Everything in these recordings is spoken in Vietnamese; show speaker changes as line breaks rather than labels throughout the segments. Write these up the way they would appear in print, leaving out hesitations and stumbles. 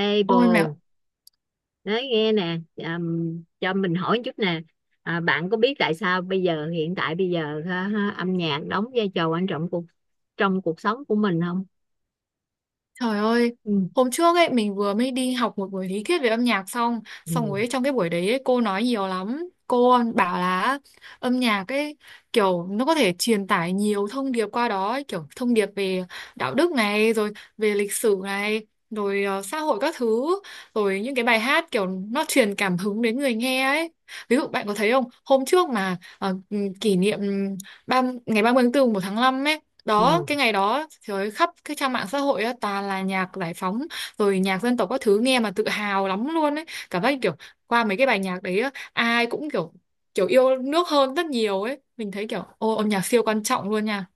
Ê
Ôi mẹ,
bồ, nói nghe nè, cho mình hỏi chút nè. À, bạn có biết tại sao bây giờ hiện tại bây giờ, ha, ha, âm nhạc đóng vai trò quan trọng trong cuộc sống của mình không?
trời ơi,
Ừ.
hôm trước ấy mình vừa mới đi học một buổi lý thuyết về âm nhạc xong, xong
Ừ.
rồi ấy, trong cái buổi đấy ấy, cô nói nhiều lắm. Cô bảo là âm nhạc ấy kiểu nó có thể truyền tải nhiều thông điệp qua đó, ấy, kiểu thông điệp về đạo đức này, rồi về lịch sử này, rồi xã hội các thứ, rồi những cái bài hát kiểu nó truyền cảm hứng đến người nghe ấy. Ví dụ bạn có thấy không, hôm trước mà kỷ niệm ngày 30 tháng 4, một tháng 5 đó,
Ừ.
cái ngày đó trời ơi, khắp cái trang mạng xã hội á toàn là nhạc giải phóng rồi nhạc dân tộc các thứ nghe mà tự hào lắm luôn ấy, cảm giác như kiểu qua mấy cái bài nhạc đấy á, ai cũng kiểu kiểu yêu nước hơn rất nhiều ấy, mình thấy kiểu ô âm nhạc siêu quan trọng luôn nha.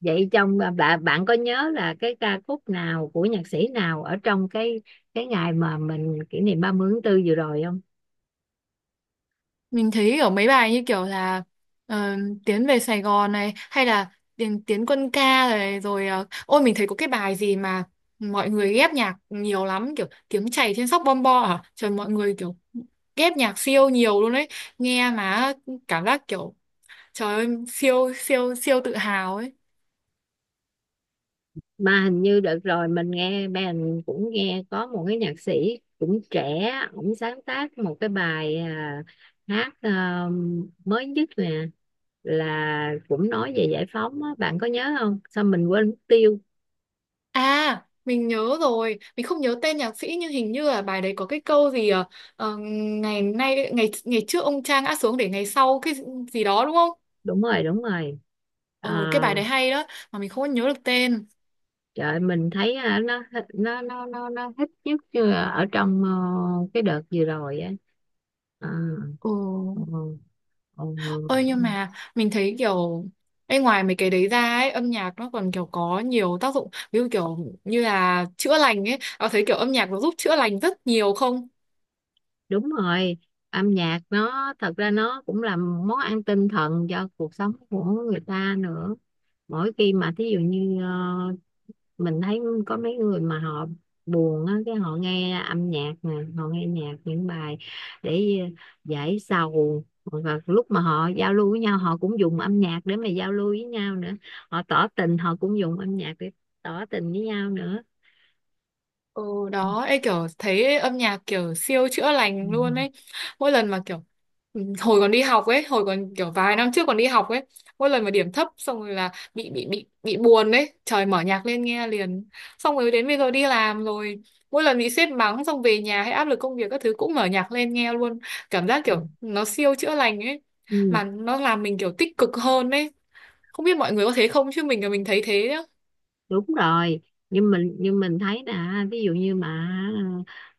Vậy bạn bạn có nhớ là cái ca khúc nào của nhạc sĩ nào ở trong cái ngày mà mình kỷ niệm 30 tháng tư vừa rồi không?
Mình thấy ở mấy bài như kiểu là ờ, Tiến về Sài Gòn này hay là Tiến quân ca này rồi ôi mình thấy có cái bài gì mà mọi người ghép nhạc nhiều lắm kiểu tiếng chảy trên sóc bom bo à, trời mọi người kiểu ghép nhạc siêu nhiều luôn đấy, nghe mà cảm giác kiểu trời ơi siêu siêu siêu tự hào ấy.
Mà hình như đợt rồi mình cũng nghe có một cái nhạc sĩ cũng trẻ, ổng sáng tác một cái bài, hát, mới nhất nè, là cũng nói về giải phóng á. Bạn có nhớ không? Sao mình quên mất tiêu.
À mình nhớ rồi, mình không nhớ tên nhạc sĩ nhưng hình như là bài đấy có cái câu gì ngày nay ngày ngày trước ông Trang ngã xuống để ngày sau cái gì đó đúng không.
Đúng rồi, đúng rồi.
Ừ, cái
À.
bài đấy hay đó mà mình không có nhớ được tên.
Trời ơi, mình thấy nó thích nhất chưa ở trong cái đợt vừa rồi á. À.
Ừ.
Ờ. Ờ.
Ơi nhưng mà mình thấy kiểu ê, ngoài mấy cái đấy ra ấy, âm nhạc nó còn kiểu có nhiều tác dụng ví dụ kiểu như là chữa lành ấy. Có thấy kiểu âm nhạc nó giúp chữa lành rất nhiều không?
Đúng rồi. Âm nhạc nó thật ra nó cũng là món ăn tinh thần cho cuộc sống của người ta nữa. Mỗi khi mà thí dụ như mình thấy có mấy người mà họ buồn á, cái họ nghe âm nhạc nè, họ nghe nhạc những bài để giải sầu. Và lúc mà họ giao lưu với nhau họ cũng dùng âm nhạc để mà giao lưu với nhau nữa. Họ tỏ tình họ cũng dùng âm nhạc để tỏ tình với nhau nữa.
Ừ đó, ấy kiểu thấy âm nhạc kiểu siêu chữa
Ừ.
lành luôn ấy. Mỗi lần mà kiểu ừ, hồi còn đi học ấy, hồi còn kiểu vài năm trước còn đi học ấy, mỗi lần mà điểm thấp xong rồi là bị buồn ấy, trời mở nhạc lên nghe liền. Xong rồi đến bây giờ đi làm rồi, mỗi lần bị sếp mắng xong về nhà hay áp lực công việc các thứ cũng mở nhạc lên nghe luôn. Cảm giác kiểu nó siêu chữa lành ấy,
Ừ.
mà nó làm mình kiểu tích cực hơn ấy. Không biết mọi người có thế không chứ mình là mình thấy thế.
Đúng rồi. Nhưng mình thấy là ví dụ như mà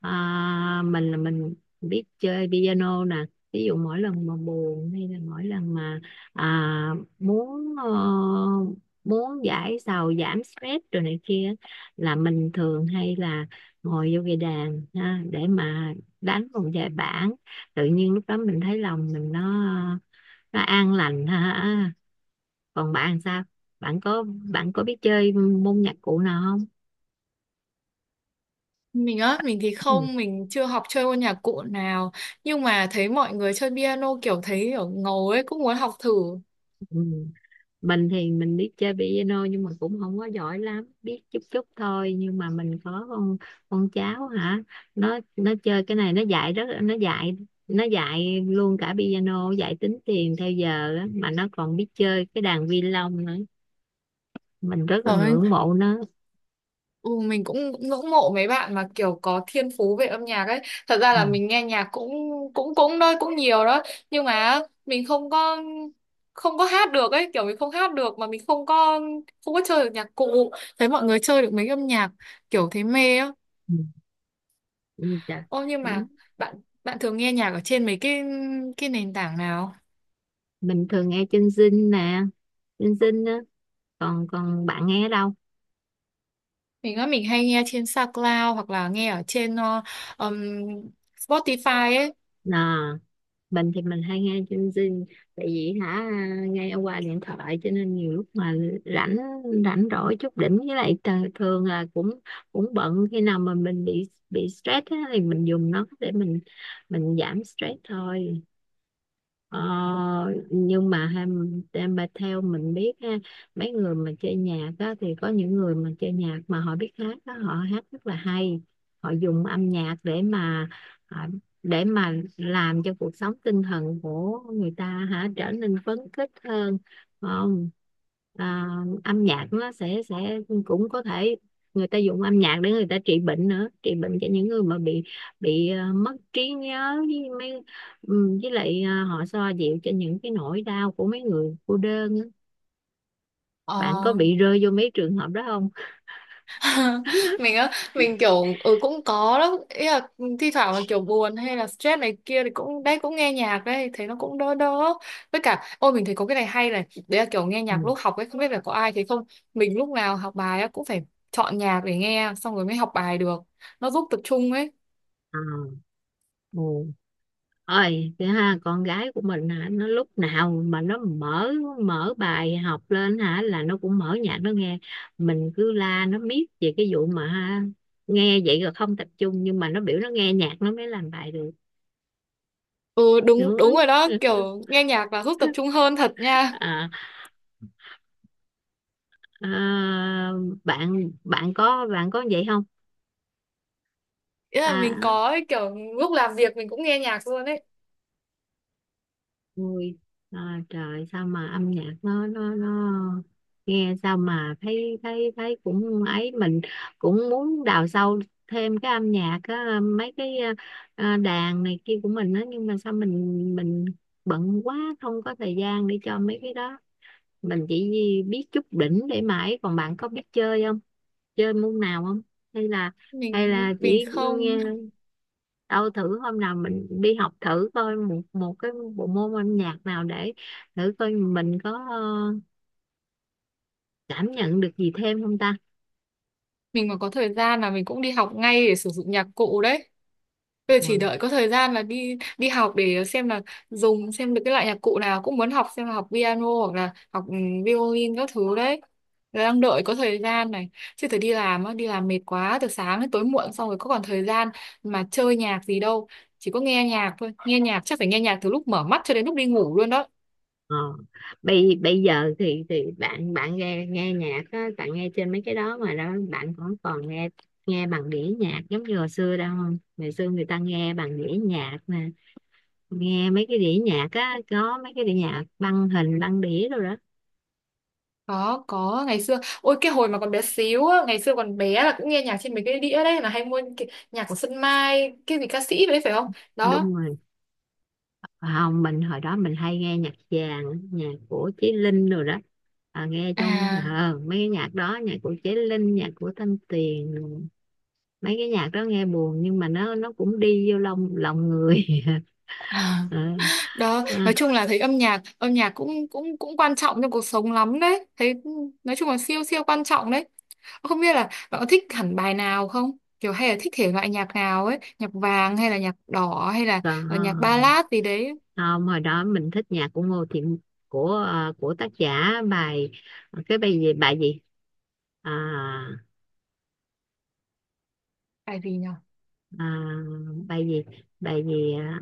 mình biết chơi piano nè. Ví dụ mỗi lần mà buồn, hay là mỗi lần mà muốn muốn giải sầu, giảm stress rồi này kia, là mình thường hay là ngồi vô cái đàn ha, để mà đánh một vài bản. Tự nhiên lúc đó mình thấy lòng mình nó an lành ha. Còn bạn sao? bạn có Bạn có biết chơi môn nhạc cụ nào không?
Mình á, mình thì
Ừ.
không, mình chưa học chơi môn nhạc cụ nào. Nhưng mà thấy mọi người chơi piano kiểu thấy kiểu ngầu ấy, cũng muốn học thử
Ừ. Mình thì mình biết chơi piano nhưng mà cũng không có giỏi lắm, biết chút chút thôi. Nhưng mà mình có con cháu hả, nó chơi cái này, nó dạy luôn cả piano, dạy tính tiền theo giờ á, mà nó còn biết chơi cái đàn violon nữa. Mình rất là
rồi.
ngưỡng mộ nó.
Ừ, mình cũng ngưỡng mộ mấy bạn mà kiểu có thiên phú về âm nhạc ấy. Thật ra
Ừ.
là mình nghe nhạc cũng cũng cũng thôi, cũng nhiều đó. Nhưng mà mình không có hát được ấy, kiểu mình không hát được mà mình không có chơi được nhạc cụ. Thấy mọi người chơi được mấy âm nhạc kiểu thấy mê á.
Ừ. Ừ. Trời.
Ô nhưng
Ừ.
mà bạn bạn thường nghe nhạc ở trên mấy cái nền tảng nào?
Mình thường nghe trinh Zing nè, trinh Zing á. Còn còn bạn nghe ở đâu?
Mình á, mình hay nghe trên SoundCloud hoặc là nghe ở trên ừm, Spotify ấy.
Nà, mình thì mình hay nghe trên Zing, tại vì hả nghe qua điện thoại, cho nên nhiều lúc mà rảnh rảnh rỗi chút đỉnh, với lại thường là cũng cũng bận. Khi nào mà mình bị stress á, thì mình dùng nó để mình giảm stress thôi. Ờ, nhưng mà em bà theo mình biết ha, mấy người mà chơi nhạc á, thì có những người mà chơi nhạc mà họ biết hát đó, họ hát rất là hay. Họ dùng âm nhạc để mà à, để mà làm cho cuộc sống tinh thần của người ta hả trở nên phấn khích hơn, phải không? À, âm nhạc nó sẽ cũng có thể, người ta dùng âm nhạc để người ta trị bệnh nữa, trị bệnh cho những người mà bị mất trí nhớ với mấy... Ừ, với lại họ xoa dịu cho những cái nỗi đau của mấy người cô đơn á.
Ờ.
Bạn có bị rơi vô mấy trường hợp đó không?
Mình á, mình kiểu ừ, cũng có đó, ý là thi thoảng mà kiểu buồn hay là stress này kia thì cũng đấy cũng nghe nhạc đấy, thấy nó cũng đỡ đỡ. Với cả ôi mình thấy có cái này hay này, đấy là kiểu nghe nhạc
Ừ.
lúc học ấy, không biết là có ai thấy không. Mình lúc nào học bài á cũng phải chọn nhạc để nghe xong rồi mới học bài được. Nó giúp tập trung ấy.
À. Ừ. Ôi, thế ha, con gái của mình hả, nó lúc nào mà nó mở mở bài học lên hả là nó cũng mở nhạc nó nghe. Mình cứ la nó miết về cái vụ mà ha, nghe vậy rồi không tập trung, nhưng mà nó biểu nó nghe nhạc nó mới làm bài được.
Ừ đúng đúng
Đúng.
rồi đó, kiểu nghe nhạc là giúp tập trung hơn thật nha.
À. À. bạn bạn có Bạn có vậy không?
Ý là mình
À.
có ấy, kiểu lúc làm việc mình cũng nghe nhạc luôn đấy.
Ôi, trời sao mà âm nhạc nó nghe sao mà thấy thấy thấy cũng ấy, mình cũng muốn đào sâu thêm cái âm nhạc á, mấy cái đàn này kia của mình á, nhưng mà sao mình bận quá không có thời gian để cho mấy cái đó. Mình chỉ biết chút đỉnh để mà ấy. Còn bạn có biết chơi không, chơi môn nào không, hay là,
Mình mình
chỉ nghe?
không,
Đâu thử hôm nào mình đi học thử coi một một cái bộ môn âm nhạc nào, để thử coi mình có cảm nhận được gì thêm không ta.
mình mà có thời gian là mình cũng đi học ngay để sử dụng nhạc cụ đấy. Bây giờ chỉ
Ừ.
đợi có thời gian là đi đi học để xem là dùng xem được cái loại nhạc cụ nào, cũng muốn học xem là học piano hoặc là học violin các thứ đấy. Là đang đợi có thời gian này. Chứ phải đi làm á, đi làm mệt quá từ sáng đến tối muộn xong rồi có còn thời gian mà chơi nhạc gì đâu. Chỉ có nghe nhạc thôi. Nghe nhạc chắc phải nghe nhạc từ lúc mở mắt cho đến lúc đi ngủ luôn đó.
Ờ. bây bây giờ thì bạn bạn nghe nghe nhạc á, bạn nghe trên mấy cái đó mà đó, bạn còn còn nghe nghe bằng đĩa nhạc giống như hồi xưa đâu không? Ngày xưa người ta nghe bằng đĩa nhạc nè, nghe mấy cái đĩa nhạc á, có mấy cái đĩa nhạc, băng hình, băng đĩa rồi đó.
Có, ngày xưa ôi cái hồi mà còn bé xíu á, ngày xưa còn bé là cũng nghe nhạc trên mấy cái đĩa đấy, là hay mua cái nhạc của Xuân Mai, cái gì ca sĩ đấy phải không, đó.
Đúng rồi. Không, mình hồi đó mình hay nghe nhạc vàng, nhạc của Chí Linh rồi đó, à, nghe trong
À,
mấy cái nhạc đó, nhạc của Chí Linh, nhạc của Thanh Tuyền. Mấy cái nhạc đó nghe buồn nhưng mà nó cũng đi vô lòng lòng người.
à,
Ờ,
đó
ờ,
nói chung là thấy âm nhạc cũng cũng cũng quan trọng trong cuộc sống lắm đấy thấy, nói chung là siêu siêu quan trọng đấy. Không biết là bạn có thích hẳn bài nào không, kiểu hay là thích thể loại nhạc nào ấy, nhạc vàng hay là nhạc đỏ hay là nhạc
Còn
ballad gì đấy.
không, hồi đó mình thích nhạc của Ngô Thiện, của của tác giả bài, cái bài gì, bài gì? À.
Bài gì nhỉ.
À. Bài gì, bài gì? À.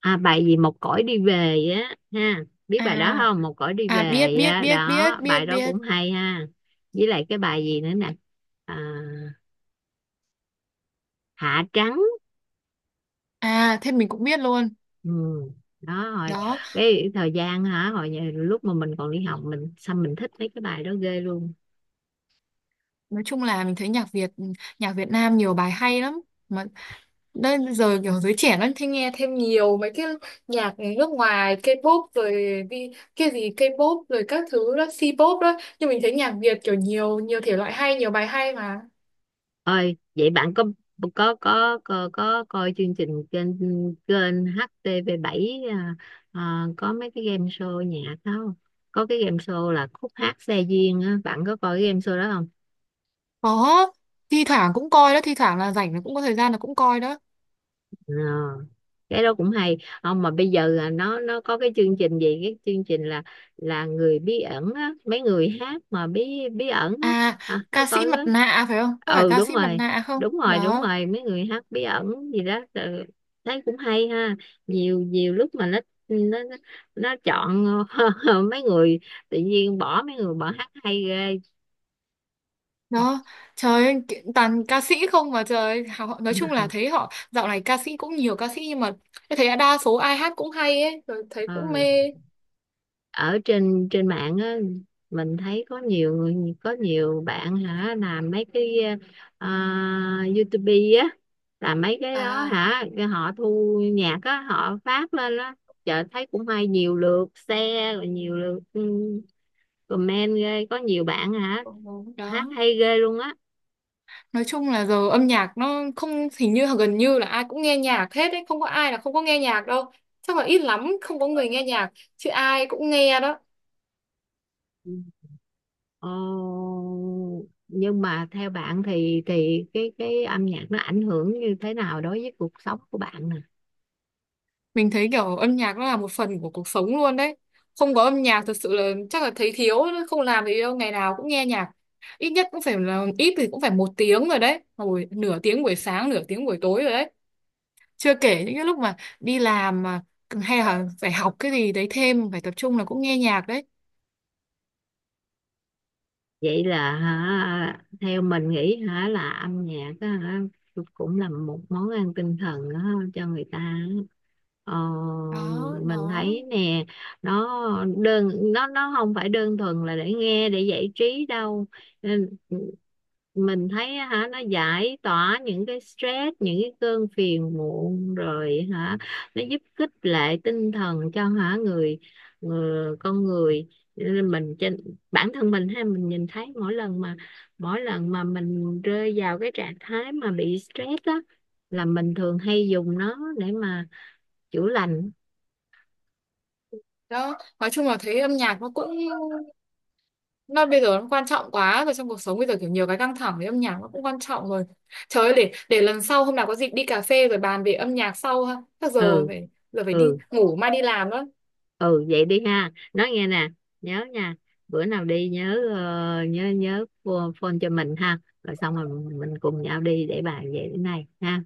À, bài gì, "Một cõi đi về" á ha, biết bài đó
À,
không? "Một cõi đi
à biết
về"
biết
á
biết
đó,
biết biết
bài đó
biết.
cũng hay ha. Với lại cái bài gì nữa nè? À, "Hạ trắng".
À, thế mình cũng biết luôn.
Ừ. Đó rồi.
Đó,
Cái thời gian hả, hồi lúc mà mình còn đi học, mình sao mình thích mấy cái bài đó ghê luôn.
nói chung là mình thấy nhạc Việt Nam nhiều bài hay lắm. Mà đây giờ kiểu giới trẻ nó thích nghe thêm nhiều mấy cái nhạc nước ngoài, K-pop rồi đi cái gì K-pop rồi các thứ đó, C-pop đó. Nhưng mình thấy nhạc Việt kiểu nhiều nhiều thể loại hay, nhiều bài hay mà.
Ơi, vậy bạn có, có coi chương trình trên kênh HTV7, có mấy cái game show nhạc đó không? Có cái game show là "Khúc hát xe duyên" á, bạn có coi cái game show đó?
Có, thi thoảng cũng coi đó, thi thoảng là rảnh là cũng có thời gian là cũng coi đó.
À, cái đó cũng hay. Không, mà bây giờ là nó có cái chương trình gì, cái chương trình là người bí ẩn á, mấy người hát mà bí bí ẩn á?
À,
À, có
ca
coi
sĩ mặt
đó.
nạ phải không? Có phải
Ừ,
ca
đúng
sĩ mặt
rồi,
nạ không?
đúng rồi, đúng
Đó.
rồi. Mấy người hát bí ẩn gì đó, ừ, thấy cũng hay ha. Nhiều nhiều lúc mà nó nó nó chọn mấy người, tự nhiên bỏ mấy người bỏ, hát hay ghê.
Đó, trời ơi, toàn ca sĩ không mà, trời ơi, họ nói chung là thấy họ dạo này ca sĩ cũng nhiều ca sĩ nhưng mà em thấy đa số ai hát cũng hay ấy, rồi thấy cũng
Ờ.
mê.
Ở trên trên mạng á, mình thấy có nhiều người, có nhiều bạn hả làm mấy cái ờ, YouTube á, làm mấy cái đó
À,
hả, cái họ thu nhạc á họ phát lên á, chợ thấy cũng hay, nhiều lượt share rồi nhiều lượt comment ghê. Có nhiều bạn hả
ừ,
hát
đó.
hay ghê luôn á.
Nói chung là giờ âm nhạc nó không, hình như gần như là ai cũng nghe nhạc hết ấy, không có ai là không có nghe nhạc đâu. Chắc là ít lắm không có người nghe nhạc, chứ ai cũng nghe đó.
Ừ. Ồ, nhưng mà theo bạn thì cái âm nhạc nó ảnh hưởng như thế nào đối với cuộc sống của bạn nè?
Mình thấy kiểu âm nhạc nó là một phần của cuộc sống luôn đấy. Không có âm nhạc thật sự là chắc là thấy thiếu, không làm gì đâu, ngày nào cũng nghe nhạc. Ít nhất cũng phải là ít thì cũng phải một tiếng rồi đấy. Rồi nửa tiếng buổi sáng, nửa tiếng buổi tối rồi đấy. Chưa kể những cái lúc mà đi làm mà hay là phải học cái gì đấy thêm, phải tập trung là cũng nghe nhạc đấy.
Vậy là hả, theo mình nghĩ hả, là âm nhạc á hả, cũng là một món ăn tinh thần á, cho người ta á. ờ,
Đó,
mình
đó,
thấy nè, nó nó không phải đơn thuần là để nghe, để giải trí đâu. Ừ, mình thấy á hả, nó giải tỏa những cái stress, những cái cơn phiền muộn rồi hả. Nó giúp khích lệ tinh thần cho hả người, người con người. Nên mình, trên bản thân mình ha, mình nhìn thấy mỗi lần mà mình rơi vào cái trạng thái mà bị stress á, là mình thường hay dùng nó để mà chữa lành.
đó. Nói chung là thấy âm nhạc nó cũng, mà bây giờ nó quan trọng quá rồi, trong cuộc sống bây giờ kiểu nhiều cái căng thẳng với âm nhạc nó cũng quan trọng rồi. Trời ơi để lần sau hôm nào có dịp đi cà phê rồi bàn về âm nhạc sau ha. Chắc giờ
Ừ.
phải giờ phải đi
Ừ.
ngủ mai đi làm đó.
Ừ. Vậy đi ha, nói nghe nè, nhớ nha, bữa nào đi nhớ nhớ nhớ phone cho mình ha, rồi xong rồi mình cùng nhau đi để bàn về cái này ha.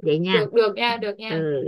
Vậy nha.
Được được nha, được nha.
Ừ